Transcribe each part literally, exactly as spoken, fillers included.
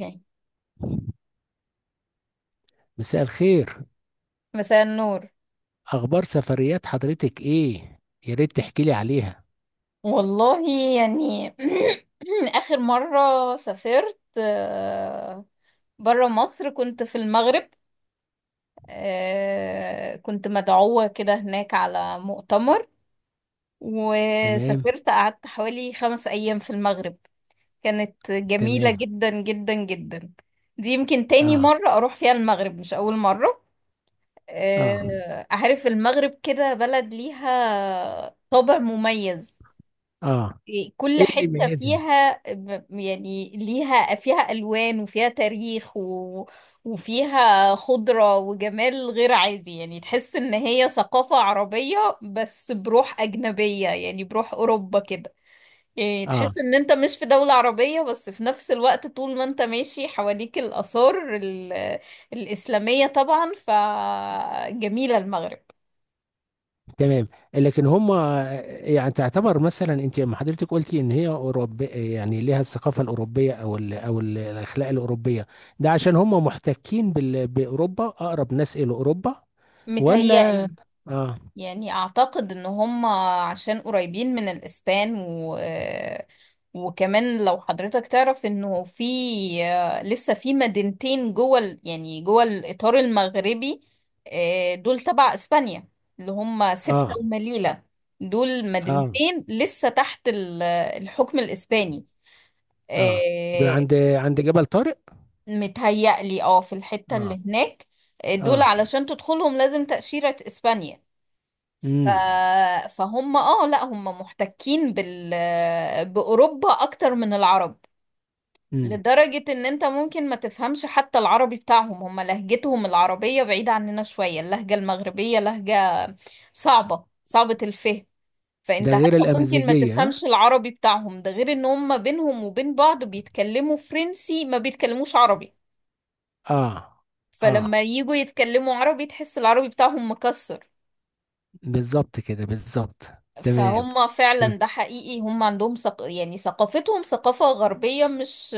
اوكي. مساء الخير. مساء النور. اخبار سفريات حضرتك ايه؟ يا ريت تحكي لي عليها. والله، يعني اخر مره سافرت بره مصر كنت في المغرب. آه، كنت مدعوه كده هناك على مؤتمر، تمام. وسافرت قعدت حوالي خمس ايام في المغرب. كانت جميله تمام. جدا جدا جدا. دي يمكن تاني اه. مره اروح فيها المغرب مش اول مره. اه. آه، عارف المغرب كده بلد ليها طابع مميز. اه. إيه، كل ايه اللي حتة يميزها؟ فيها ب- يعني ليها فيها ألوان وفيها تاريخ و... وفيها خضرة وجمال غير عادي، يعني تحس إن هي ثقافة عربية بس بروح أجنبية، يعني بروح أوروبا كده. يعني اه. تحس إن أنت مش في دولة عربية، بس في نفس الوقت طول ما أنت ماشي حواليك الآثار ال... الإسلامية طبعا، فجميلة المغرب. تمام. لكن هم، يعني تعتبر مثلا انت لما حضرتك قلتي ان هي اوروبيه، يعني ليها الثقافه الاوروبيه او ال او ال- الاخلاق الاوروبيه، ده عشان هم محتكين بال- باوروبا، اقرب ناس الى اوروبا ولا؟ متهيألي، اه. يعني اعتقد ان هم عشان قريبين من الاسبان و وكمان لو حضرتك تعرف انه في لسه في مدينتين جوه ال- يعني جوه الاطار المغربي. آه، دول تبع اسبانيا، اللي هم سبتة اه. ومليلة. دول اه. مدينتين لسه تحت ال- الحكم الاسباني. اه. ده آه، عند عند جبل طارق. متهيألي اه في الحتة اه. اللي هناك. آه، دول اه. علشان تدخلهم لازم تأشيرة اسبانيا. ف... امم. فهم اه، لا هم محتكين بال... بأوروبا أكتر من العرب، مم. لدرجة ان انت ممكن ما تفهمش حتى العربي بتاعهم. هم لهجتهم العربية بعيدة عننا شوية، اللهجة المغربية لهجة صعبة صعبة الفهم، ده فانت حتى غير ممكن ما الأمازيغية ها؟ تفهمش العربي بتاعهم. ده غير ان هم بينهم وبين بعض بيتكلموا فرنسي، ما بيتكلموش عربي. اه. فلما اه، يجوا يتكلموا عربي تحس العربي بتاعهم مكسر. بالظبط كده بالظبط. تمام. فهم تمام. فعلا ده حقيقي، هم عندهم ثق... يعني ثقافتهم ثقافة غربية، مش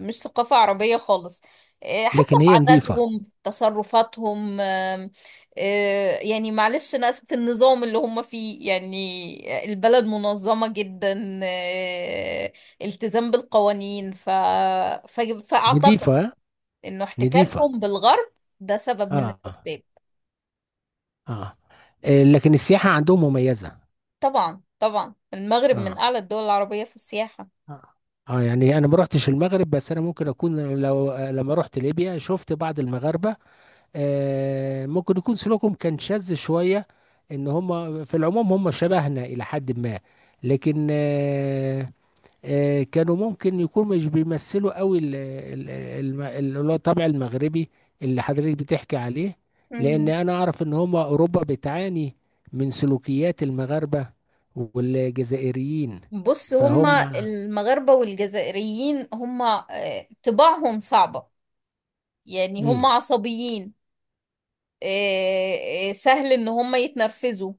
مش ثقافة عربية خالص. إيه، حتى لكن في هي نظيفة. عاداتهم، تصرفاتهم، آم، آه، يعني معلش، ناس في النظام اللي هم فيه، يعني البلد منظمة جدا، آه، التزام بالقوانين. ف... ف... فأعتقد نظيفة. إنه نظيفة. احتكاكهم بالغرب ده سبب من اه. الأسباب. اه. آه، لكن السياحة عندهم مميزة. طبعا، طبعا، المغرب من اه. أعلى الدول العربية في السياحة. اه. آه، يعني انا ما رحتش المغرب، بس انا ممكن اكون لو آه، لما رحت ليبيا شفت بعض المغاربة، آه ممكن يكون سلوكهم كان شاذ شوية، ان هم في العموم هم شبهنا الى حد ما، لكن آه آه، كانوا ممكن يكونوا مش بيمثلوا قوي ال- ال- الم- اللي هو الطبع المغربي اللي حضرتك بتحكي عليه. لان انا اعرف ان هم اوروبا بتعاني من سلوكيات المغاربة والجزائريين. بص، فهم. هما المغاربة والجزائريين هما آه، طباعهم صعبة، يعني امم. هما عصبيين. آه، آه، سهل ان هما يتنرفزوا.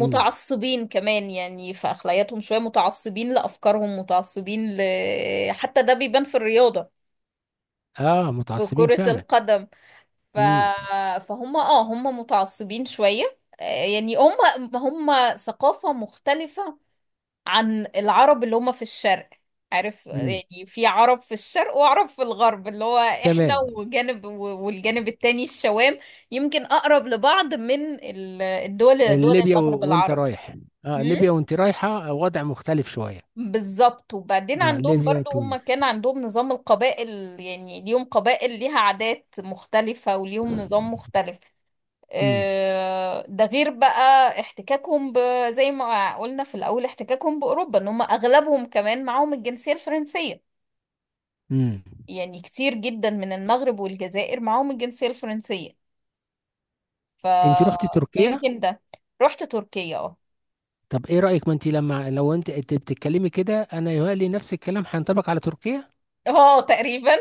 امم. كمان، يعني في اخلاقياتهم شوية، متعصبين لافكارهم، متعصبين ل... آه، حتى ده بيبان في الرياضة، اه في متعصبين كرة فعلا. القدم. ف... امم. فهم اه، هم متعصبين شوية. آه، يعني هم هم ثقافة مختلفة عن العرب اللي هم في الشرق. عارف، امم. يعني في عرب في الشرق، وعرب في الغرب اللي هو احنا، تمام. وجانب و- والجانب التاني الشوام. يمكن اقرب لبعض من ال- الدول، دول ليبيا و... المغرب وانت العربي. رايح، اه هم؟ ليبيا وانت رايحة وضع مختلف شوية. بالظبط. وبعدين اه عندهم ليبيا برضو هم تونس. كان عندهم نظام القبائل، يعني ليهم قبائل ليها عادات مختلفة وليهم نظام مختلف. امم. آه، ده غير بقى احتكاكهم ب... زي ما قلنا في الأول، احتكاكهم بأوروبا، ان هم أغلبهم كمان معاهم الجنسية الفرنسية. امم. يعني كتير جدا من المغرب والجزائر معاهم الجنسية الفرنسية. ف... انت رحت تركيا. فيمكن ده. رحت تركيا، اه. طب ايه رأيك؟ ما انت لما لو انت انت بتتكلمي كده انا يهيألي نفس الكلام هينطبق على تركيا. اه، تقريبا.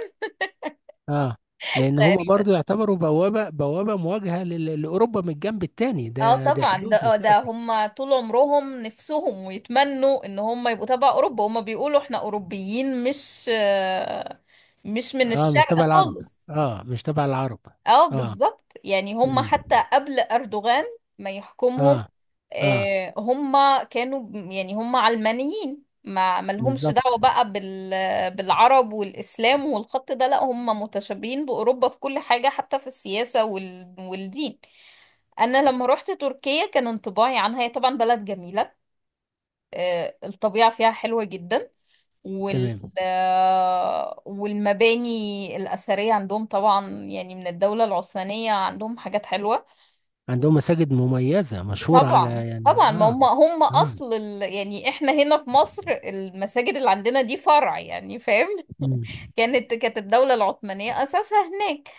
اه. لان هما تقريبا، برضو يعتبروا بوابة بوابة مواجهة لل- لأوروبا، من الجنب التاني اه ده ده طبعا. ده حدود آه، ده مشتركة. هم طول عمرهم نفسهم ويتمنوا ان هم يبقوا تبع اوروبا. هم بيقولوا احنا اوروبيين، مش آه، مش من اه مش تبع الشرق العرب. خالص. اه مش تبع العرب. اه اه. بالظبط، يعني هم مم. حتى قبل أردوغان ما اه. يحكمهم، اه آه، هم كانوا ب- يعني هم علمانيين، ما ملهمش بالظبط. دعوة بقى بال بالعرب والإسلام والخط ده. لا، هم متشابهين بأوروبا في كل حاجة، حتى في السياسة وال والدين. أنا لما روحت تركيا كان انطباعي عنها، هي طبعا بلد جميلة، آه، الطبيعة فيها حلوة جدا. وال تمام. آه، والمباني الأثرية عندهم طبعا يعني من الدولة العثمانية، عندهم حاجات حلوة. عندهم مساجد مميزة مشهورة على طبعا، يعني طبعا، ما اه. هم هم اه. أصل ال... يعني احنا هنا في مصر المساجد اللي عندنا دي فرع، يعني فاهم. مم. كانت كانت الدولة العثمانية أساسها هناك.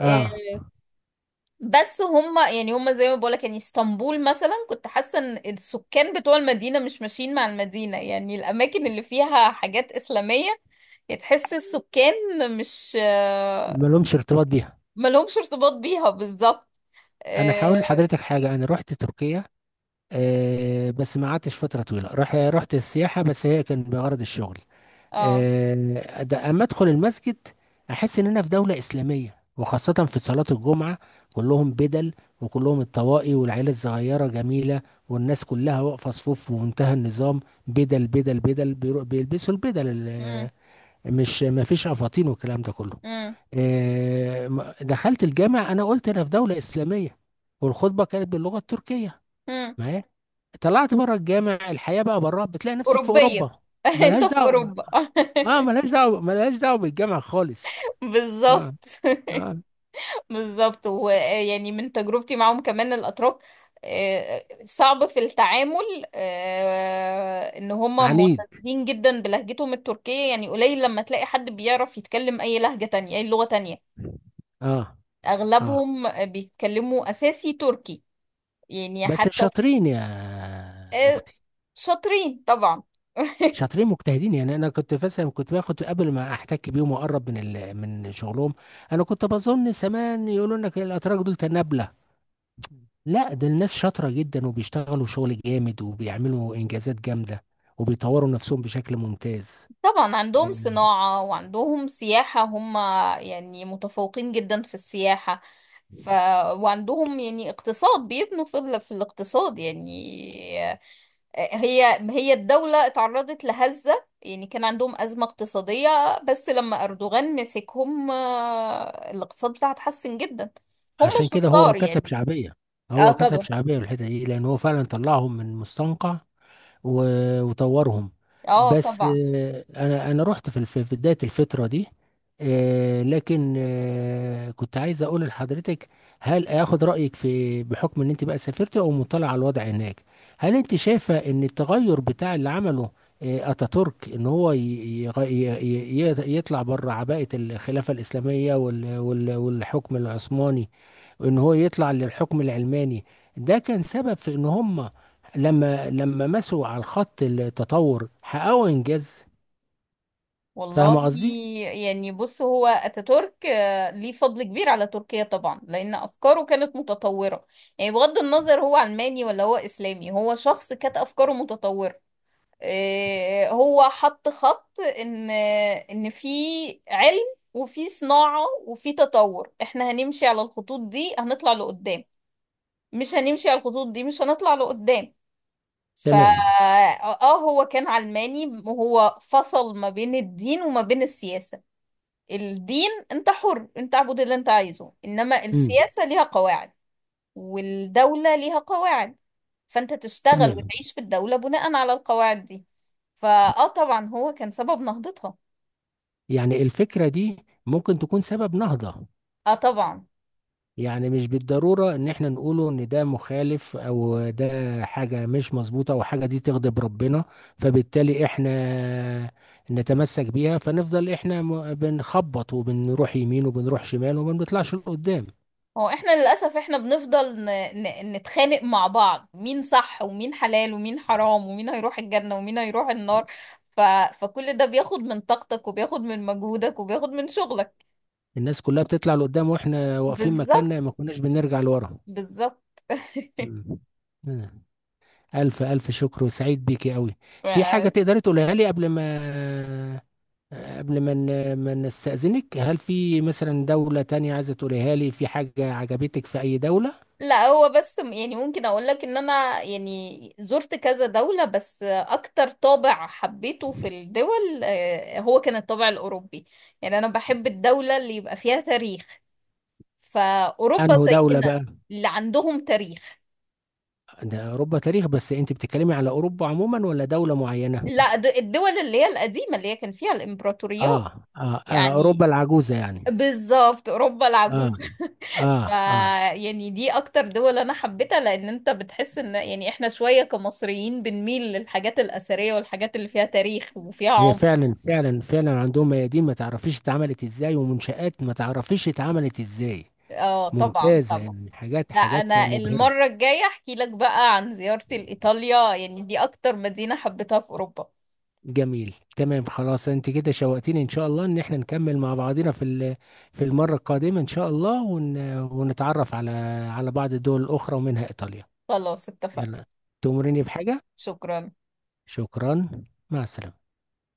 اه آه، بس هم، يعني هم زي ما بقولك، يعني اسطنبول مثلا كنت حاسة ان السكان بتوع المدينة مش ماشيين مع المدينة، يعني الأماكن اللي فيها حاجات إسلامية، يعني تحس السكان مش، ما لهمش ارتباط بيها. ما لهمش ارتباط بيها، بالظبط. انا هقول اه. لحضرتك حاجة. انا رحت تركيا، آه، بس ما قعدتش فترة طويلة، رح رحت السياحة بس، هي كان بغرض الشغل. اه. آه، ده أما أدخل المسجد أحس إن أنا في دولة إسلامية، وخاصة في صلاة الجمعة، كلهم بدل، وكلهم الطواقي، والعيلة الصغيرة جميلة، والناس كلها واقفة صفوف في منتهى النظام. بدل بدل بدل بيرو- بيلبسوا البدل مم. ال- مش ما فيش أفاطين والكلام ده كله. مم. آه، م- دخلت الجامع أنا قلت أنا في دولة إسلامية، والخطبة كانت باللغة التركية مم. معايا. طلعت بره الجامع، الحياه بقى بره بتلاقي نفسك في أوروبية. اوروبا. انت ملهاش في دعوه. أوروبا. اه ملهاش دعوه، ملهاش دعوه بالجامع خالص. بالظبط. اه. اه. بالظبط، ويعني من تجربتي معاهم كمان الأتراك آه، صعب في التعامل. آه، ان هم عنيد. معتزين جدا بلهجتهم التركية، يعني قليل لما تلاقي حد بيعرف يتكلم اي لهجة تانية، اي لغة تانية. اه. اه. اغلبهم بيتكلموا اساسي تركي. يعني بس حتى شاطرين يا آه، اختي. شاطرين طبعا. شاطرين مجتهدين. يعني انا كنت مثلا، كنت باخد قبل ما احتك بيهم واقرب من ال... من شغلهم. انا كنت بظن زمان يقولوا لك الاتراك دول تنابله، لا ده الناس شاطره جدا، وبيشتغلوا شغل جامد، وبيعملوا انجازات جامده، وبيطوروا نفسهم بشكل ممتاز. طبعا عندهم صناعة وعندهم سياحة، هم يعني متفوقين جدا في السياحة. ف... وعندهم يعني اقتصاد، بيبنوا في, ال... في الاقتصاد يعني. آه، هي هي الدولة اتعرضت لهزة، يعني كان عندهم أزمة اقتصادية، بس لما أردوغان مسكهم آه، الاقتصاد بتاعها اتحسن جدا. هم عشان كده هو شطار كسب يعني. شعبية. اه هو كسب طبعا. شعبية في الحتة دي، لأن هو فعلا طلعهم من مستنقع و- وطورهم. اه بس طبعا. آه، أنا أنا رحت في الف- في بداية الفترة دي. آه، لكن آه، كنت عايز أقول لحضرتك، هل آخد رأيك في، بحكم إن أنت بقى سافرت أو مطلع على الوضع هناك، هل أنت شايفة إن التغير بتاع اللي عمله آه، أتاتورك، إن هو ي- يغ- ي- ي- يطلع بره عباءة الخلافة الإسلامية وال- وال- والحكم العثماني، وان هو يطلع للحكم العلماني، ده كان سبب في ان هم لما لما مسوا على الخط التطور حققوا انجاز؟ والله، فاهم قصدي؟ يعني بص هو اتاتورك آه، ليه فضل كبير على تركيا طبعا، لان افكاره كانت متطوره. يعني بغض النظر هو علماني ولا هو اسلامي، هو شخص كانت افكاره متطوره. آه، هو حط خط ان آه، ان في علم وفي صناعه وفي تطور. احنا هنمشي على الخطوط دي هنطلع لقدام. مش هنمشي على الخطوط دي مش هنطلع لقدام. فا تمام. اه، هو كان علماني، وهو فصل ما بين الدين وما بين السياسة. الدين انت حر، انت اعبد اللي انت عايزه، انما امم. السياسة ليها قواعد، والدولة ليها قواعد. فانت تشتغل تمام. وتعيش في الدولة بناء على القواعد دي. فاه طبعا هو كان سبب نهضتها. يعني الفكرة دي ممكن تكون سبب نهضة. اه طبعا. يعني مش بالضرورة ان احنا نقوله ان ده مخالف، او ده حاجة مش مظبوطة، او حاجة دي تغضب ربنا، فبالتالي احنا نتمسك بيها، فنفضل احنا م- بنخبط وبنروح يمين وبنروح شمال وما بنطلعش لقدام. هو احنا للأسف، احنا بنفضل ن... ن... نتخانق مع بعض، مين صح، ومين حلال، ومين حرام، ومين هيروح الجنة، ومين هيروح النار. ف... فكل ده بياخد من طاقتك، وبياخد من مجهودك، وبياخد من شغلك. الناس كلها بتطلع لقدام واحنا واقفين بالظبط، مكاننا، ما كناش بنرجع لورا. بالظبط. مم. مم. ألف ألف شكر، وسعيد بيكي قوي. في حاجة تقدري تقولها لي قبل ما قبل ما ن- ما نستأذنك؟ هل في مثلا دولة تانية عايزة تقوليها لي، في حاجة عجبتك في أي دولة؟ لا، هو بس م- يعني ممكن اقول لك ان انا يعني زرت كذا دولة، بس اكتر طابع حبيته في الدول آه، هو كان الطابع الاوروبي. يعني انا بحب الدولة اللي يبقى فيها تاريخ. فاوروبا أنه دولة زينا، بقى؟ اللي عندهم تاريخ. ده أوروبا تاريخ، بس أنت بتتكلمي على أوروبا عموما ولا دولة معينة؟ لا، د- الدول اللي هي القديمة، اللي هي كان فيها الامبراطوريات، آه آه، آه يعني أوروبا العجوزة يعني. بالظبط، اوروبا آه. العجوزة. آه ف- آه. يعني دي اكتر دول انا حبيتها، لان انت بتحس ان يعني احنا شوية كمصريين بنميل للحاجات الاثرية والحاجات اللي فيها تاريخ وفيها هي عمق. فعلا فعلا فعلا عندهم ميادين ما تعرفيش اتعملت ازاي، ومنشآت ما تعرفيش اتعملت ازاي. اه طبعا، ممتازة طبعا. يعني، حاجات لا، حاجات انا مبهرة. المرة الجاية احكي لك بقى عن زيارتي لايطاليا، يعني دي اكتر مدينة حبيتها في اوروبا. جميل. تمام. خلاص، انت كده شوقتيني، ان شاء الله ان احنا نكمل مع بعضنا في ال- في المرة القادمة ان شاء الله، ون ونتعرف على على بعض الدول الاخرى ومنها ايطاليا. خلاص، اتفقنا. يلا، تؤمرني بحاجة؟ شكرا. شكرا. مع السلامة.